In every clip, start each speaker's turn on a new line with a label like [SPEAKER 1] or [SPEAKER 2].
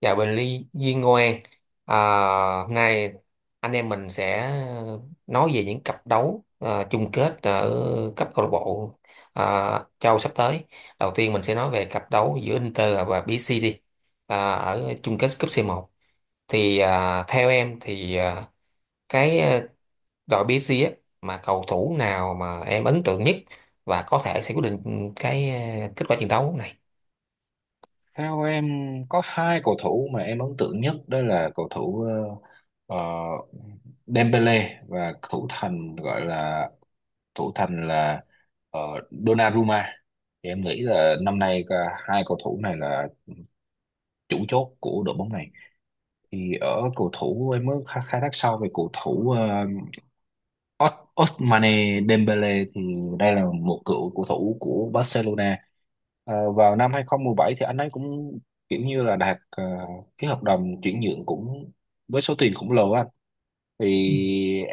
[SPEAKER 1] Chào Bình Ly Duyên Ngoan, à, hôm nay anh em mình sẽ nói về những cặp đấu, à, chung kết ở cấp câu lạc bộ, à, châu sắp tới. Đầu tiên mình sẽ nói về cặp đấu giữa Inter và BC đi, à, ở chung kết cúp C1. Thì à, theo em thì à, cái à, đội BC á, mà cầu thủ nào mà em ấn tượng nhất và có thể sẽ quyết định cái à, kết quả trận đấu này?
[SPEAKER 2] Theo em có hai cầu thủ mà em ấn tượng nhất, đó là cầu thủ ờ, ờ, Dembele và thủ thành gọi là thủ thành là ờ, Donnarumma. Thì em nghĩ là năm nay cả hai cầu thủ này là chủ chốt của đội bóng này. Thì ở cầu thủ, em mới khai khai thác sau về cầu thủ Ousmane Dembele, thì đây là một cựu cầu thủ của Barcelona. Vào năm 2017, thì anh ấy cũng kiểu như là đạt cái hợp đồng chuyển nhượng cũng với số tiền khổng lồ á. Thì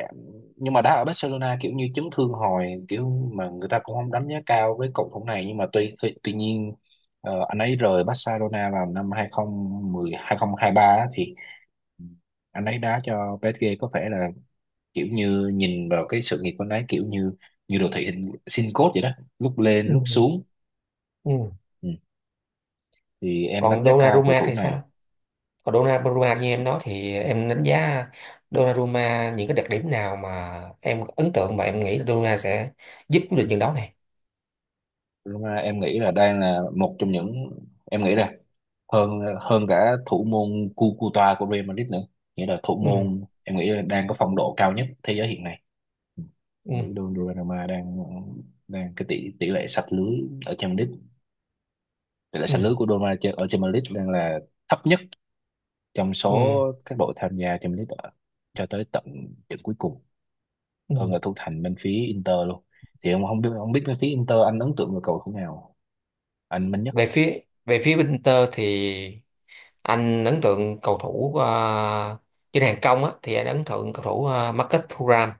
[SPEAKER 2] nhưng mà đá ở Barcelona kiểu như chấn thương hồi, kiểu mà người ta cũng không đánh giá cao với cầu thủ này, nhưng mà tuy tuy, tuy nhiên anh ấy rời Barcelona vào năm 2010 2023 á, thì anh ấy đá cho PSG. Có vẻ là kiểu như nhìn vào cái sự nghiệp của anh ấy, kiểu như như đồ thị hình sin code vậy đó, lúc lên
[SPEAKER 1] Ừ.
[SPEAKER 2] lúc xuống.
[SPEAKER 1] Ừ.
[SPEAKER 2] Ừ. Thì em đánh
[SPEAKER 1] Còn
[SPEAKER 2] giá cao cầu
[SPEAKER 1] Donnarumma
[SPEAKER 2] thủ
[SPEAKER 1] thì
[SPEAKER 2] này.
[SPEAKER 1] sao? Còn Donnarumma, như em nói thì em đánh giá Donnarumma, những cái đặc điểm nào mà em ấn tượng mà em nghĩ là Donnarumma sẽ giúp quyết định trận đấu này?
[SPEAKER 2] Lúc mà em nghĩ là đang là một trong những, em nghĩ là hơn hơn cả thủ môn Cucuta của Real Madrid nữa, nghĩa là thủ
[SPEAKER 1] Ừ,
[SPEAKER 2] môn em nghĩ là đang có phong độ cao nhất thế giới hiện nay. Ừ.
[SPEAKER 1] ừ,
[SPEAKER 2] Em nghĩ Donnarumma đang đang cái tỷ tỷ lệ sạch lưới ở Champions League, tỷ lệ
[SPEAKER 1] ừ,
[SPEAKER 2] sạch lưới của Donnarumma ở Champions League đang là thấp nhất trong số
[SPEAKER 1] ừ,
[SPEAKER 2] các đội tham gia trong lít cho tới tận trận cuối cùng, hơn
[SPEAKER 1] ừ.
[SPEAKER 2] là thủ thành bên phía Inter luôn. Thì ông không biết, bên phía Inter anh ấn tượng về cầu thủ nào, anh mạnh nhất?
[SPEAKER 1] Về phía về phía bên Inter thì anh ấn tượng cầu thủ trên hàng công á, thì anh ấn tượng cầu thủ Marcus Thuram.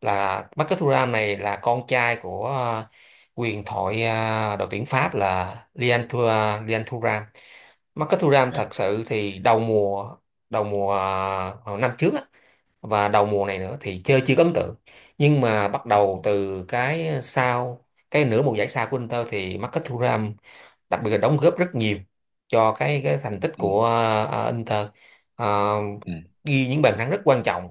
[SPEAKER 1] Là Marcus Thuram này là con trai của quyền thoại, đội tuyển Pháp là Lian Thuram. Marcus Thuram
[SPEAKER 2] Dạ.
[SPEAKER 1] thật sự thì đầu mùa hồi năm trước á, và đầu mùa này nữa thì chơi chưa có ấn tượng, nhưng mà bắt
[SPEAKER 2] Ừ.
[SPEAKER 1] đầu từ cái nửa mùa giải sau của Inter thì Marcus Thuram đặc biệt là đóng góp rất nhiều cho cái thành tích
[SPEAKER 2] Ừ.
[SPEAKER 1] của Inter. Ờ, Ghi những bàn thắng rất quan trọng,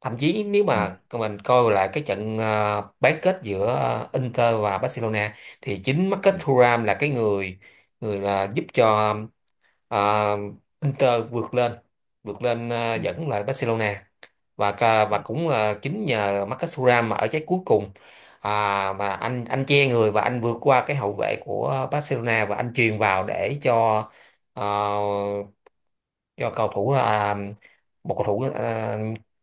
[SPEAKER 1] thậm chí nếu
[SPEAKER 2] Ừ. Ừ.
[SPEAKER 1] mà mình coi lại cái trận bán kết giữa Inter và Barcelona, thì chính Marcus
[SPEAKER 2] Ừ.
[SPEAKER 1] Thuram là cái người người là giúp cho ờ, Inter vượt lên
[SPEAKER 2] Ừ.
[SPEAKER 1] dẫn lại Barcelona, và và cũng là chính nhờ Marcus Thuram mà ở trái cuối cùng, à, mà anh che người và anh vượt qua cái hậu vệ của Barcelona và anh chuyền vào để cho, ờ, do cầu thủ à, một cầu thủ, à,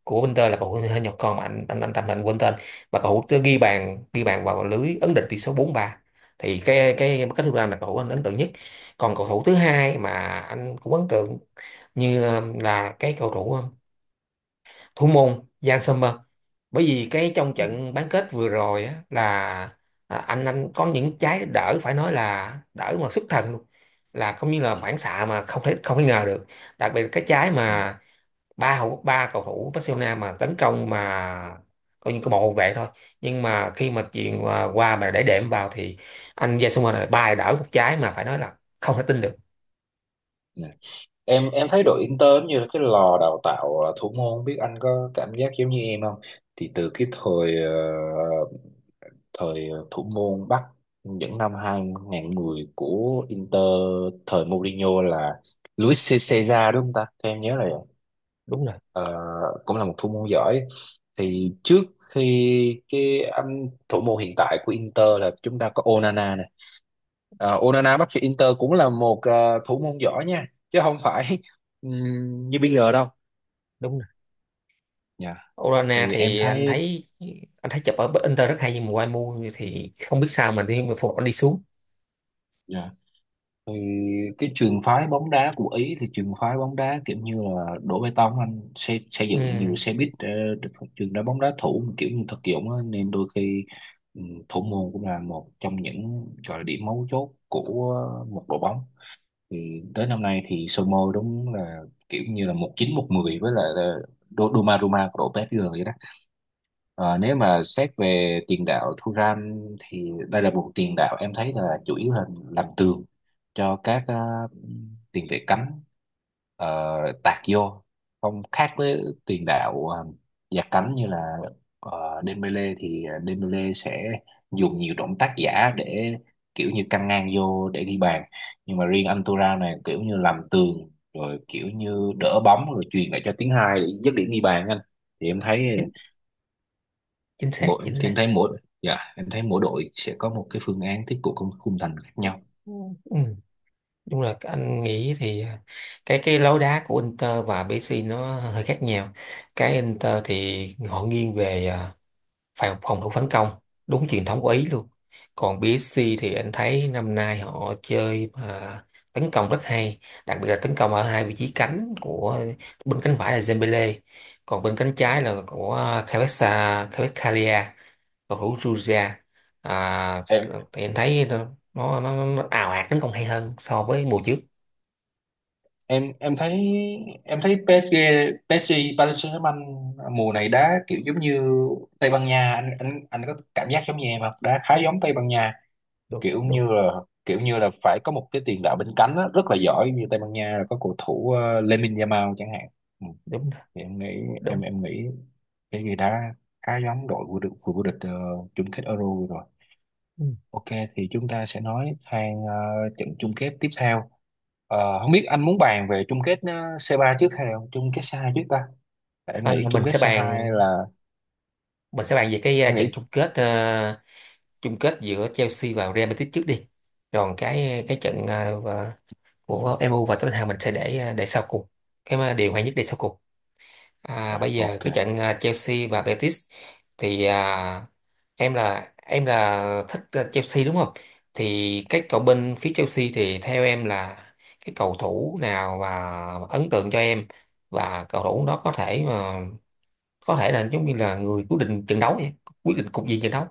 [SPEAKER 1] của Inter là cầu thủ người Nhật con mà anh tạm, anh quên tên, mà cầu thủ tới ghi bàn vào lưới ấn định tỷ số 4-3. Thì cái thứ ba là cầu thủ anh ấn tượng nhất. Còn cầu thủ thứ hai mà anh cũng ấn tượng như à, là cái cầu thủ à, thủ môn Jan Sommer, bởi vì cái trong
[SPEAKER 2] Ừ.
[SPEAKER 1] trận bán kết vừa rồi á, là à, anh có những trái đỡ phải nói là đỡ mà xuất thần luôn, là cũng như là
[SPEAKER 2] Ừ.
[SPEAKER 1] phản xạ mà không thể ngờ được. Đặc biệt là cái trái
[SPEAKER 2] Ừ.
[SPEAKER 1] mà ba cầu thủ Barcelona mà tấn công mà coi như có bộ hậu vệ thôi, nhưng mà khi mà chuyện qua qua mà để đệm vào thì anh Jan Sommer này ba đỡ một trái mà phải nói là không thể tin được.
[SPEAKER 2] Ừ. Em thấy đội Inter giống như là cái lò đào tạo thủ môn, không biết anh có cảm giác giống như em không? Thì từ cái thời thời thủ môn Bắc những năm 2010 của Inter, thời Mourinho là Luis Cesar đúng không ta? Theo em nhớ là vậy.
[SPEAKER 1] Đúng rồi.
[SPEAKER 2] Ờ, Cũng là một thủ môn giỏi. Thì trước khi cái anh thủ môn hiện tại của Inter là chúng ta có Onana này. Onana bắt cho Inter cũng là một thủ môn giỏi nha, chứ không phải như bây giờ đâu.
[SPEAKER 1] Đúng.
[SPEAKER 2] Dạ.
[SPEAKER 1] Orana
[SPEAKER 2] Thì em
[SPEAKER 1] thì anh
[SPEAKER 2] thấy,
[SPEAKER 1] thấy anh thấy chụp ở Inter rất hay nhưng mà qua mua thì không biết sao mà đi mà phục anh đi xuống.
[SPEAKER 2] dạ, thì cái trường phái bóng đá của Ý, thì trường phái bóng đá kiểu như là đổ bê tông, anh xây dựng nhiều
[SPEAKER 1] Ừ,
[SPEAKER 2] xe buýt, trường đá bóng đá thủ, mà kiểu như thực dụng á, nên đôi khi ừ, thủ môn cũng là một trong những gọi là điểm mấu chốt của một đội bóng. Thì tới năm nay thì Somo đúng là kiểu như là một chín một mười với lại là Doma của đội PSG vậy đó. Ờ, Nếu mà xét về tiền đạo Thuram, thì đây là một tiền đạo em thấy là chủ yếu là làm tường cho các tiền vệ cánh ờ, tạt vô, không khác với tiền đạo dạt cánh như là Dembele. Thì Dembele sẽ dùng nhiều động tác giả để kiểu như căng ngang vô để ghi bàn, nhưng mà riêng anh Tura này kiểu như làm tường, rồi kiểu như đỡ bóng rồi truyền lại cho tiếng hai để dứt điểm ghi bàn anh. Thì em thấy
[SPEAKER 1] chính, chính xác,
[SPEAKER 2] mỗi,
[SPEAKER 1] chính xác.
[SPEAKER 2] em thấy mỗi đội sẽ có một cái phương án tiếp cận khung khung thành khác nhau.
[SPEAKER 1] Ừ, đúng là anh nghĩ thì à, cái lối đá của Inter và PSG nó hơi khác nhau. Cái Inter thì họ nghiêng về à, phòng phòng thủ phản công, đúng truyền thống của Ý luôn. Còn PSG thì anh thấy năm nay họ chơi mà tấn công rất hay, đặc biệt là tấn công ở hai vị trí cánh của, bên cánh phải là Dembele, còn bên cánh trái là của Kvaratskhelia Kvaratskhelia, cầu thủ Georgia. À,
[SPEAKER 2] em
[SPEAKER 1] thì anh thấy nó ào ạt tấn công hay hơn so với mùa trước.
[SPEAKER 2] em em thấy em thấy PSG PSG Paris Saint-Germain mùa này đá kiểu giống như Tây Ban Nha, anh có cảm giác giống như em không, đá khá giống Tây Ban Nha.
[SPEAKER 1] Đúng,
[SPEAKER 2] Kiểu
[SPEAKER 1] đúng,
[SPEAKER 2] như là, phải có một cái tiền đạo bên cánh á, rất là giỏi như Tây Ban Nha là có cầu thủ Lamine Yamal chẳng hạn. Ừ.
[SPEAKER 1] đúng,
[SPEAKER 2] thì
[SPEAKER 1] đúng.
[SPEAKER 2] em nghĩ cái gì đã khá giống đội vô địch vừa vô địch chung kết Euro vừa rồi.
[SPEAKER 1] Ừ.
[SPEAKER 2] Ok, thì chúng ta sẽ nói sang trận chung kết tiếp theo. Không biết anh muốn bàn về chung kết C3 trước hay là chung kết C2 trước ta? Tại em
[SPEAKER 1] À,
[SPEAKER 2] nghĩ chung
[SPEAKER 1] mình
[SPEAKER 2] kết
[SPEAKER 1] sẽ bàn
[SPEAKER 2] C2 là
[SPEAKER 1] mình sẽ bàn về cái
[SPEAKER 2] em
[SPEAKER 1] trận
[SPEAKER 2] nghĩ
[SPEAKER 1] chung kết, giữa Chelsea và Real Betis trước đi. Rồi cái trận à, của MU và Tottenham mình sẽ để à, sau cùng, cái mà điều hay nhất để sau cùng. À,
[SPEAKER 2] dạ,
[SPEAKER 1] bây giờ
[SPEAKER 2] ok.
[SPEAKER 1] cái trận, à, Chelsea và Betis, thì à, em là thích à, Chelsea đúng không? Thì cái cầu bên phía Chelsea thì theo em là cái cầu thủ nào mà ấn tượng cho em, và cầu thủ đó có thể là giống như là người quyết định trận đấu vậy, quyết định cục diện trận đấu.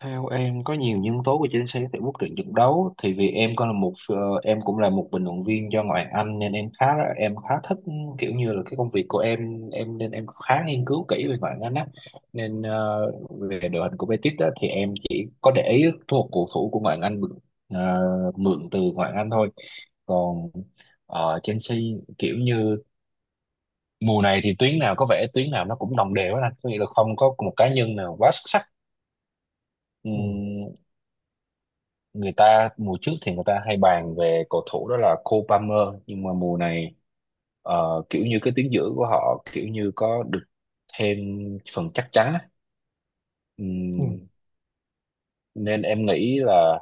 [SPEAKER 2] Theo em có nhiều nhân tố của chính xác tại quyết định trận đấu, thì vì em còn là một em cũng là một bình luận viên cho ngoại Anh, nên em khá thích. Kiểu như là cái công việc của em nên em khá nghiên cứu kỹ về ngoại Anh á, nên về đội hình của Betis đó thì em chỉ có để ý một cầu thủ của ngoại Anh mượn, ờ, mượn từ ngoại Anh thôi. Còn Chelsea kiểu như mùa này, thì tuyến nào, nó cũng đồng đều hết anh, có nghĩa là không có một cá nhân nào quá xuất sắc.
[SPEAKER 1] Ừ.
[SPEAKER 2] Ừm, Người ta mùa trước thì người ta hay bàn về cầu thủ đó là Cole Palmer, nhưng mà mùa này kiểu như cái tuyến giữa của họ kiểu như có được thêm phần chắc chắn á.
[SPEAKER 1] Ừ.
[SPEAKER 2] Ừm, Nên em nghĩ là,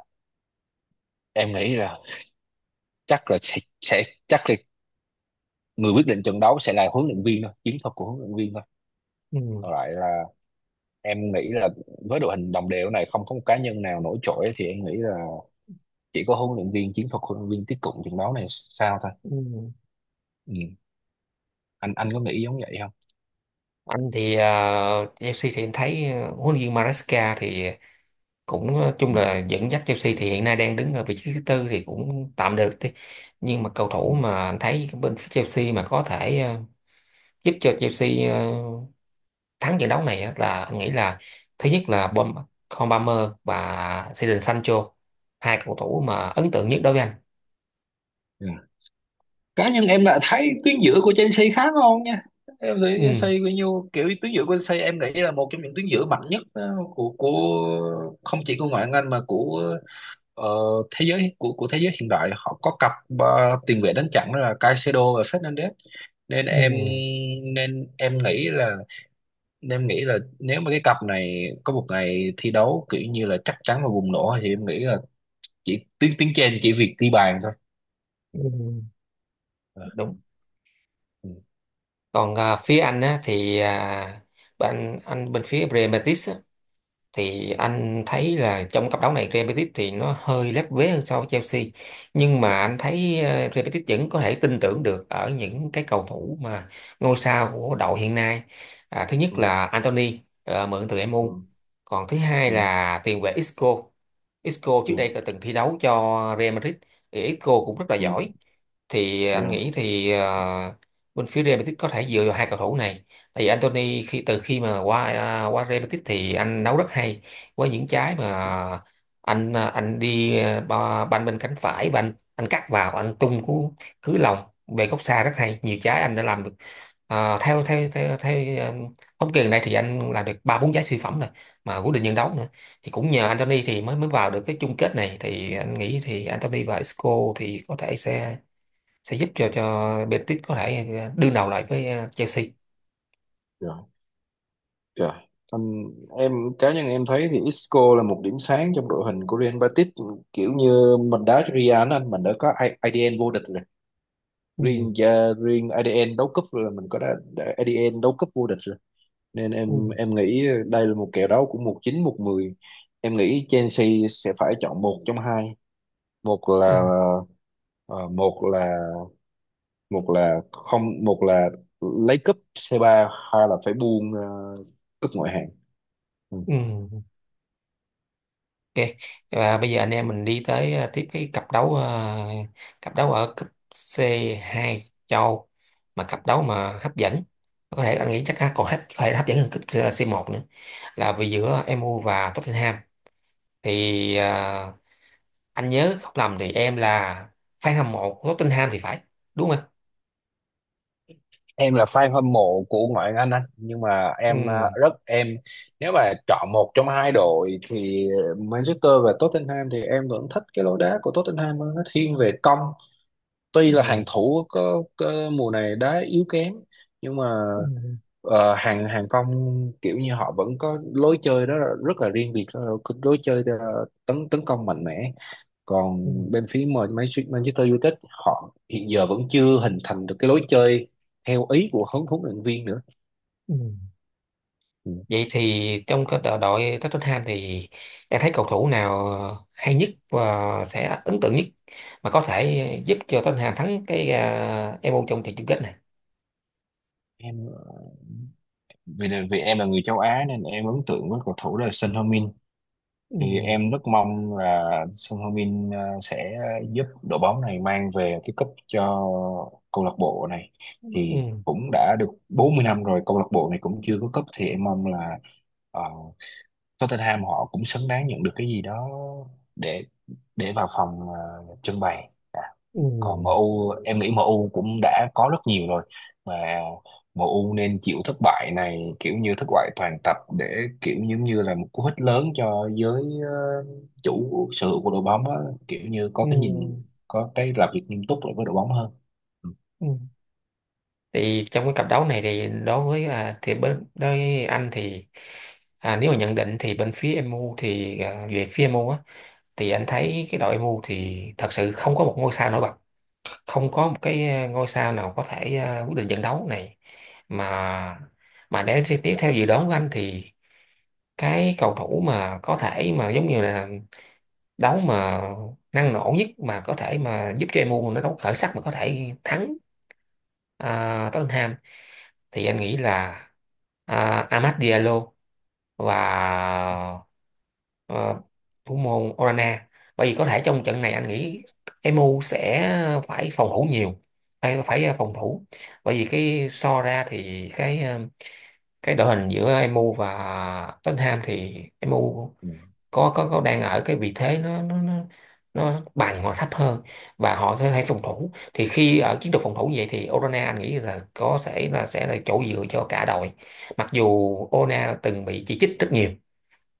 [SPEAKER 2] em nghĩ là chắc là người quyết định trận đấu sẽ là huấn luyện viên thôi, chiến thuật của huấn luyện viên thôi.
[SPEAKER 1] Ừ.
[SPEAKER 2] Còn lại là em nghĩ là, với đội hình đồng đều này không có một cá nhân nào nổi trội, thì em nghĩ là chỉ có huấn luyện viên, chiến thuật huấn luyện viên tiếp cận trận đấu này sao thôi.
[SPEAKER 1] Ừ.
[SPEAKER 2] Ừm, anh có nghĩ giống vậy không?
[SPEAKER 1] Anh thì Chelsea thì em thấy huấn luyện viên Maresca thì cũng, chung là dẫn dắt Chelsea thì hiện nay đang đứng ở vị trí thứ tư thì cũng tạm được đi. Nhưng mà cầu thủ
[SPEAKER 2] Ừm,
[SPEAKER 1] mà anh thấy bên phía Chelsea mà có thể giúp cho Chelsea thắng trận đấu này á là anh nghĩ là thứ nhất là Con Palmer và Jadon Sancho, hai cầu thủ mà ấn tượng nhất đối với anh.
[SPEAKER 2] Dạ. Cá nhân em là thấy tuyến giữa của Chelsea khá ngon nha. Em thấy Chelsea
[SPEAKER 1] Ừ,
[SPEAKER 2] bao nhiêu kiểu, tuyến giữa của Chelsea em nghĩ là một trong những tuyến giữa mạnh nhất của không chỉ của ngoại hạng Anh mà của ờ, thế giới, của thế giới hiện đại. Họ có cặp tiền vệ đánh chặn, đó là Caicedo và Fernandes. Nên
[SPEAKER 1] ừ,
[SPEAKER 2] em nên em nghĩ là, nếu mà cái cặp này có một ngày thi đấu kiểu như là chắc chắn và bùng nổ, thì em nghĩ là chỉ tiếng tiếng trên chỉ việc ghi bàn thôi. Ừ.
[SPEAKER 1] ừ, đúng.
[SPEAKER 2] Ừ.
[SPEAKER 1] Còn phía anh á thì bên phía Real Betis, thì anh thấy là trong cặp đấu này Real Betis thì nó hơi lép vế hơn so với Chelsea, nhưng mà anh thấy Real Betis vẫn có thể tin tưởng được ở những cái cầu thủ mà ngôi sao của đội hiện nay. À, thứ nhất
[SPEAKER 2] Ừ.
[SPEAKER 1] là Anthony, mượn từ MU. Còn thứ hai
[SPEAKER 2] Ừ.
[SPEAKER 1] là tiền vệ Isco Isco trước đây
[SPEAKER 2] Dạ,
[SPEAKER 1] đã từng thi đấu cho Real Madrid, thì Isco cũng rất là
[SPEAKER 2] ừ,
[SPEAKER 1] giỏi. Thì
[SPEAKER 2] dạ,
[SPEAKER 1] anh nghĩ thì bên phía Real Betis có thể dựa vào hai cầu thủ này. Tại vì Anthony khi từ khi mà qua Real Betis thì anh nấu rất hay, với những trái mà anh đi à, banh bên cánh phải và anh cắt vào anh tung cú cứ lòng về góc xa rất hay, nhiều trái anh đã làm được. À, theo theo theo theo à, thống kê gần đây thì anh làm được 3 4 trái siêu phẩm rồi, mà quyết định nhân đấu nữa, thì cũng nhờ Anthony thì mới mới vào được cái chung kết này. Thì anh nghĩ thì Anthony và Isco thì có thể sẽ giúp cho Betis có thể à, đương đầu lại với Chelsea.
[SPEAKER 2] dạ, trời. Anh, em cá nhân em thấy thì Isco là một điểm sáng trong đội hình của Real Betis. Kiểu như mình đá Real anh, mình đã có IDN vô địch rồi.
[SPEAKER 1] Ừ,
[SPEAKER 2] Riêng riêng IDN đấu cúp là mình có đã IDN đấu cúp vô địch rồi, nên em
[SPEAKER 1] ừ,
[SPEAKER 2] em nghĩ đây là một kèo đấu của một chín một mười. Em nghĩ Chelsea sẽ phải chọn một trong hai. Một
[SPEAKER 1] ừ.
[SPEAKER 2] là, ờ, một là không một là lấy cúp C3, hay là phải buông cúp ngoại hạng. Ừ.
[SPEAKER 1] Ừ. Ok, và bây giờ anh em mình đi tới, tiếp cái cặp đấu, cặp đấu ở cấp C2 châu, mà cặp đấu mà hấp dẫn, có thể anh nghĩ chắc còn phải hấp dẫn hơn cấp C1 nữa, là vì giữa MU và Tottenham. Thì anh nhớ không lầm thì em là fan hâm mộ của Tottenham thì phải, đúng không anh?
[SPEAKER 2] Em là fan hâm mộ của ngoại hạng Anh, nhưng mà
[SPEAKER 1] Ừ.
[SPEAKER 2] em à, rất em nếu mà chọn một trong hai đội thì Manchester và Tottenham, thì em vẫn thích cái lối đá của Tottenham hơn, nó thiên về công. Tuy là
[SPEAKER 1] Ừ,
[SPEAKER 2] hàng thủ có mùa này đá yếu kém, nhưng mà
[SPEAKER 1] ừ,
[SPEAKER 2] hàng hàng công kiểu như họ vẫn có lối chơi đó, là rất là riêng biệt, đó là lối chơi tấn tấn công mạnh mẽ. Còn
[SPEAKER 1] ừ,
[SPEAKER 2] bên phía mà Manchester United họ hiện giờ vẫn chưa hình thành được cái lối chơi theo ý của huấn huấn luyện viên nữa.
[SPEAKER 1] ừ.
[SPEAKER 2] Ừ.
[SPEAKER 1] Vậy thì trong cái đội đội Tottenham thì em thấy cầu thủ nào hay nhất và sẽ ấn tượng nhất mà có thể giúp cho Tottenham thắng cái MU trong trận chung kết này?
[SPEAKER 2] Em vì em là người châu Á nên em ấn tượng với cầu thủ là Son Heung-min.
[SPEAKER 1] Ừ,
[SPEAKER 2] Thì em rất mong là Son Heung-min à, sẽ giúp đội bóng này mang về cái cúp cho câu lạc bộ này, thì
[SPEAKER 1] ừ,
[SPEAKER 2] cũng đã được 40 năm rồi câu lạc bộ này cũng chưa có cúp. Thì em mong là ờ, Tottenham họ cũng xứng đáng nhận được cái gì đó để vào phòng trưng bày à. Còn
[SPEAKER 1] ừ,
[SPEAKER 2] MU, em nghĩ MU cũng đã có rất nhiều rồi, mà MU nên chịu thất bại này, kiểu như thất bại toàn tập, để kiểu giống như là một cú hích lớn cho giới ờ, chủ sở hữu của đội bóng á, kiểu như có cái nhìn,
[SPEAKER 1] ừ,
[SPEAKER 2] có cái làm việc nghiêm túc lại với đội bóng hơn. Ừ,
[SPEAKER 1] ừ. Thì trong cái cặp đấu này thì đối với anh thì à, nếu mà nhận định thì bên phía MU thì à, về phía MU á thì anh thấy cái đội MU thì thật sự không có một ngôi sao nổi bật, không có một cái ngôi sao nào có thể quyết định trận đấu này. Mà mà để tiếp theo dự đoán của anh thì cái cầu thủ mà có thể mà giống như là đấu mà năng nổ nhất mà có thể mà giúp cho MU nó đấu khởi sắc mà có thể thắng Tottenham, thì anh nghĩ là Amad Diallo và, ờ, thủ môn Orana. Bởi vì có thể trong trận này anh nghĩ Emu sẽ phải phòng thủ nhiều, phải phòng thủ. Bởi vì cái so ra thì cái cái đội hình giữa Emu và Tottenham thì Emu
[SPEAKER 2] ừ,
[SPEAKER 1] có đang ở cái vị thế nó bằng hoặc thấp hơn, và họ sẽ phải phòng
[SPEAKER 2] ừ,
[SPEAKER 1] thủ. Thì khi ở chiến thuật phòng thủ như vậy thì Orana anh nghĩ là có thể là sẽ là chỗ dựa cho cả đội, mặc dù Orana từng bị chỉ trích rất nhiều,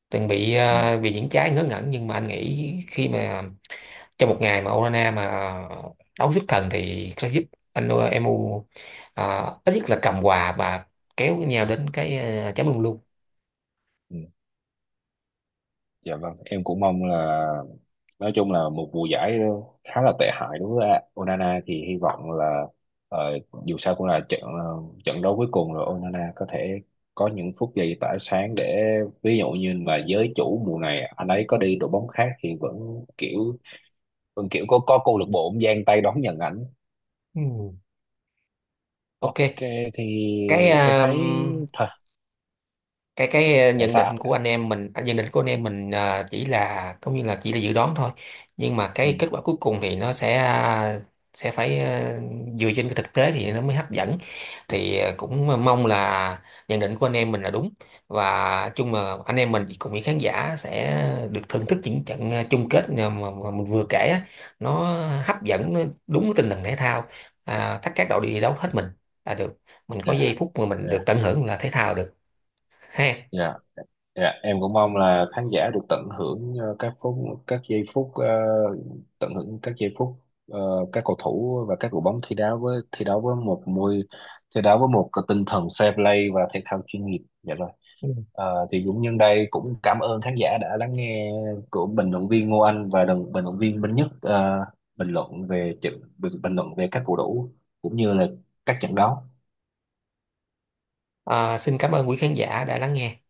[SPEAKER 1] từng bị
[SPEAKER 2] ừ.
[SPEAKER 1] vì những trái ngớ ngẩn, nhưng mà anh nghĩ khi mà trong một ngày mà Orana mà đấu xuất thần thì sẽ giúp anh, Emu ít nhất là cầm hòa và kéo nhau đến cái, chấm luôn luôn.
[SPEAKER 2] Ừ. Dạ vâng, em cũng mong là, nói chung là một mùa giải khá là tệ hại đối với Onana, thì hy vọng là ờ, dù sao cũng là trận đấu cuối cùng rồi, Onana có thể có những phút giây tỏa sáng, để ví dụ như là giới chủ mùa này anh ấy có đi đội bóng khác thì vẫn kiểu có câu lạc bộ cũng giang tay đón nhận ảnh.
[SPEAKER 1] Ừ, ok.
[SPEAKER 2] Ok, thì
[SPEAKER 1] cái
[SPEAKER 2] em
[SPEAKER 1] ờ,
[SPEAKER 2] thấy thôi
[SPEAKER 1] cái cái ờ,
[SPEAKER 2] để
[SPEAKER 1] nhận định
[SPEAKER 2] sao.
[SPEAKER 1] của anh em mình, à, nhận định của anh em mình ờ, chỉ là dự đoán thôi, nhưng mà
[SPEAKER 2] Ừ,
[SPEAKER 1] cái kết quả cuối cùng thì nó sẽ phải dựa trên cái thực tế thì nó mới hấp dẫn. Thì cũng mong là nhận định của anh em mình là đúng, và chung mà anh em mình cùng với khán giả sẽ được thưởng thức những trận chung kết mà, mình vừa kể á, nó hấp dẫn, nó đúng cái tinh thần thể thao, à, tất các đội đi đấu hết mình là được, mình có
[SPEAKER 2] dạ,
[SPEAKER 1] giây phút mà mình được
[SPEAKER 2] dạ.
[SPEAKER 1] tận hưởng là thể thao được, ha.
[SPEAKER 2] Dạ, dạ, em cũng mong là khán giả được tận hưởng các giây phút, ờ, tận hưởng các giây phút ờ, các cầu thủ và các đội bóng thi đấu với một cái tinh thần fair play và thể thao chuyên nghiệp. Dạ rồi.
[SPEAKER 1] Ừ.
[SPEAKER 2] Thì cũng nhân đây cũng cảm ơn khán giả đã lắng nghe của bình luận viên Ngô Anh và đồng bình luận viên Minh Nhất, bình luận về trận. Bình luận về các cầu thủ cũng như là các trận đấu.
[SPEAKER 1] À, xin cảm ơn quý khán giả đã lắng nghe.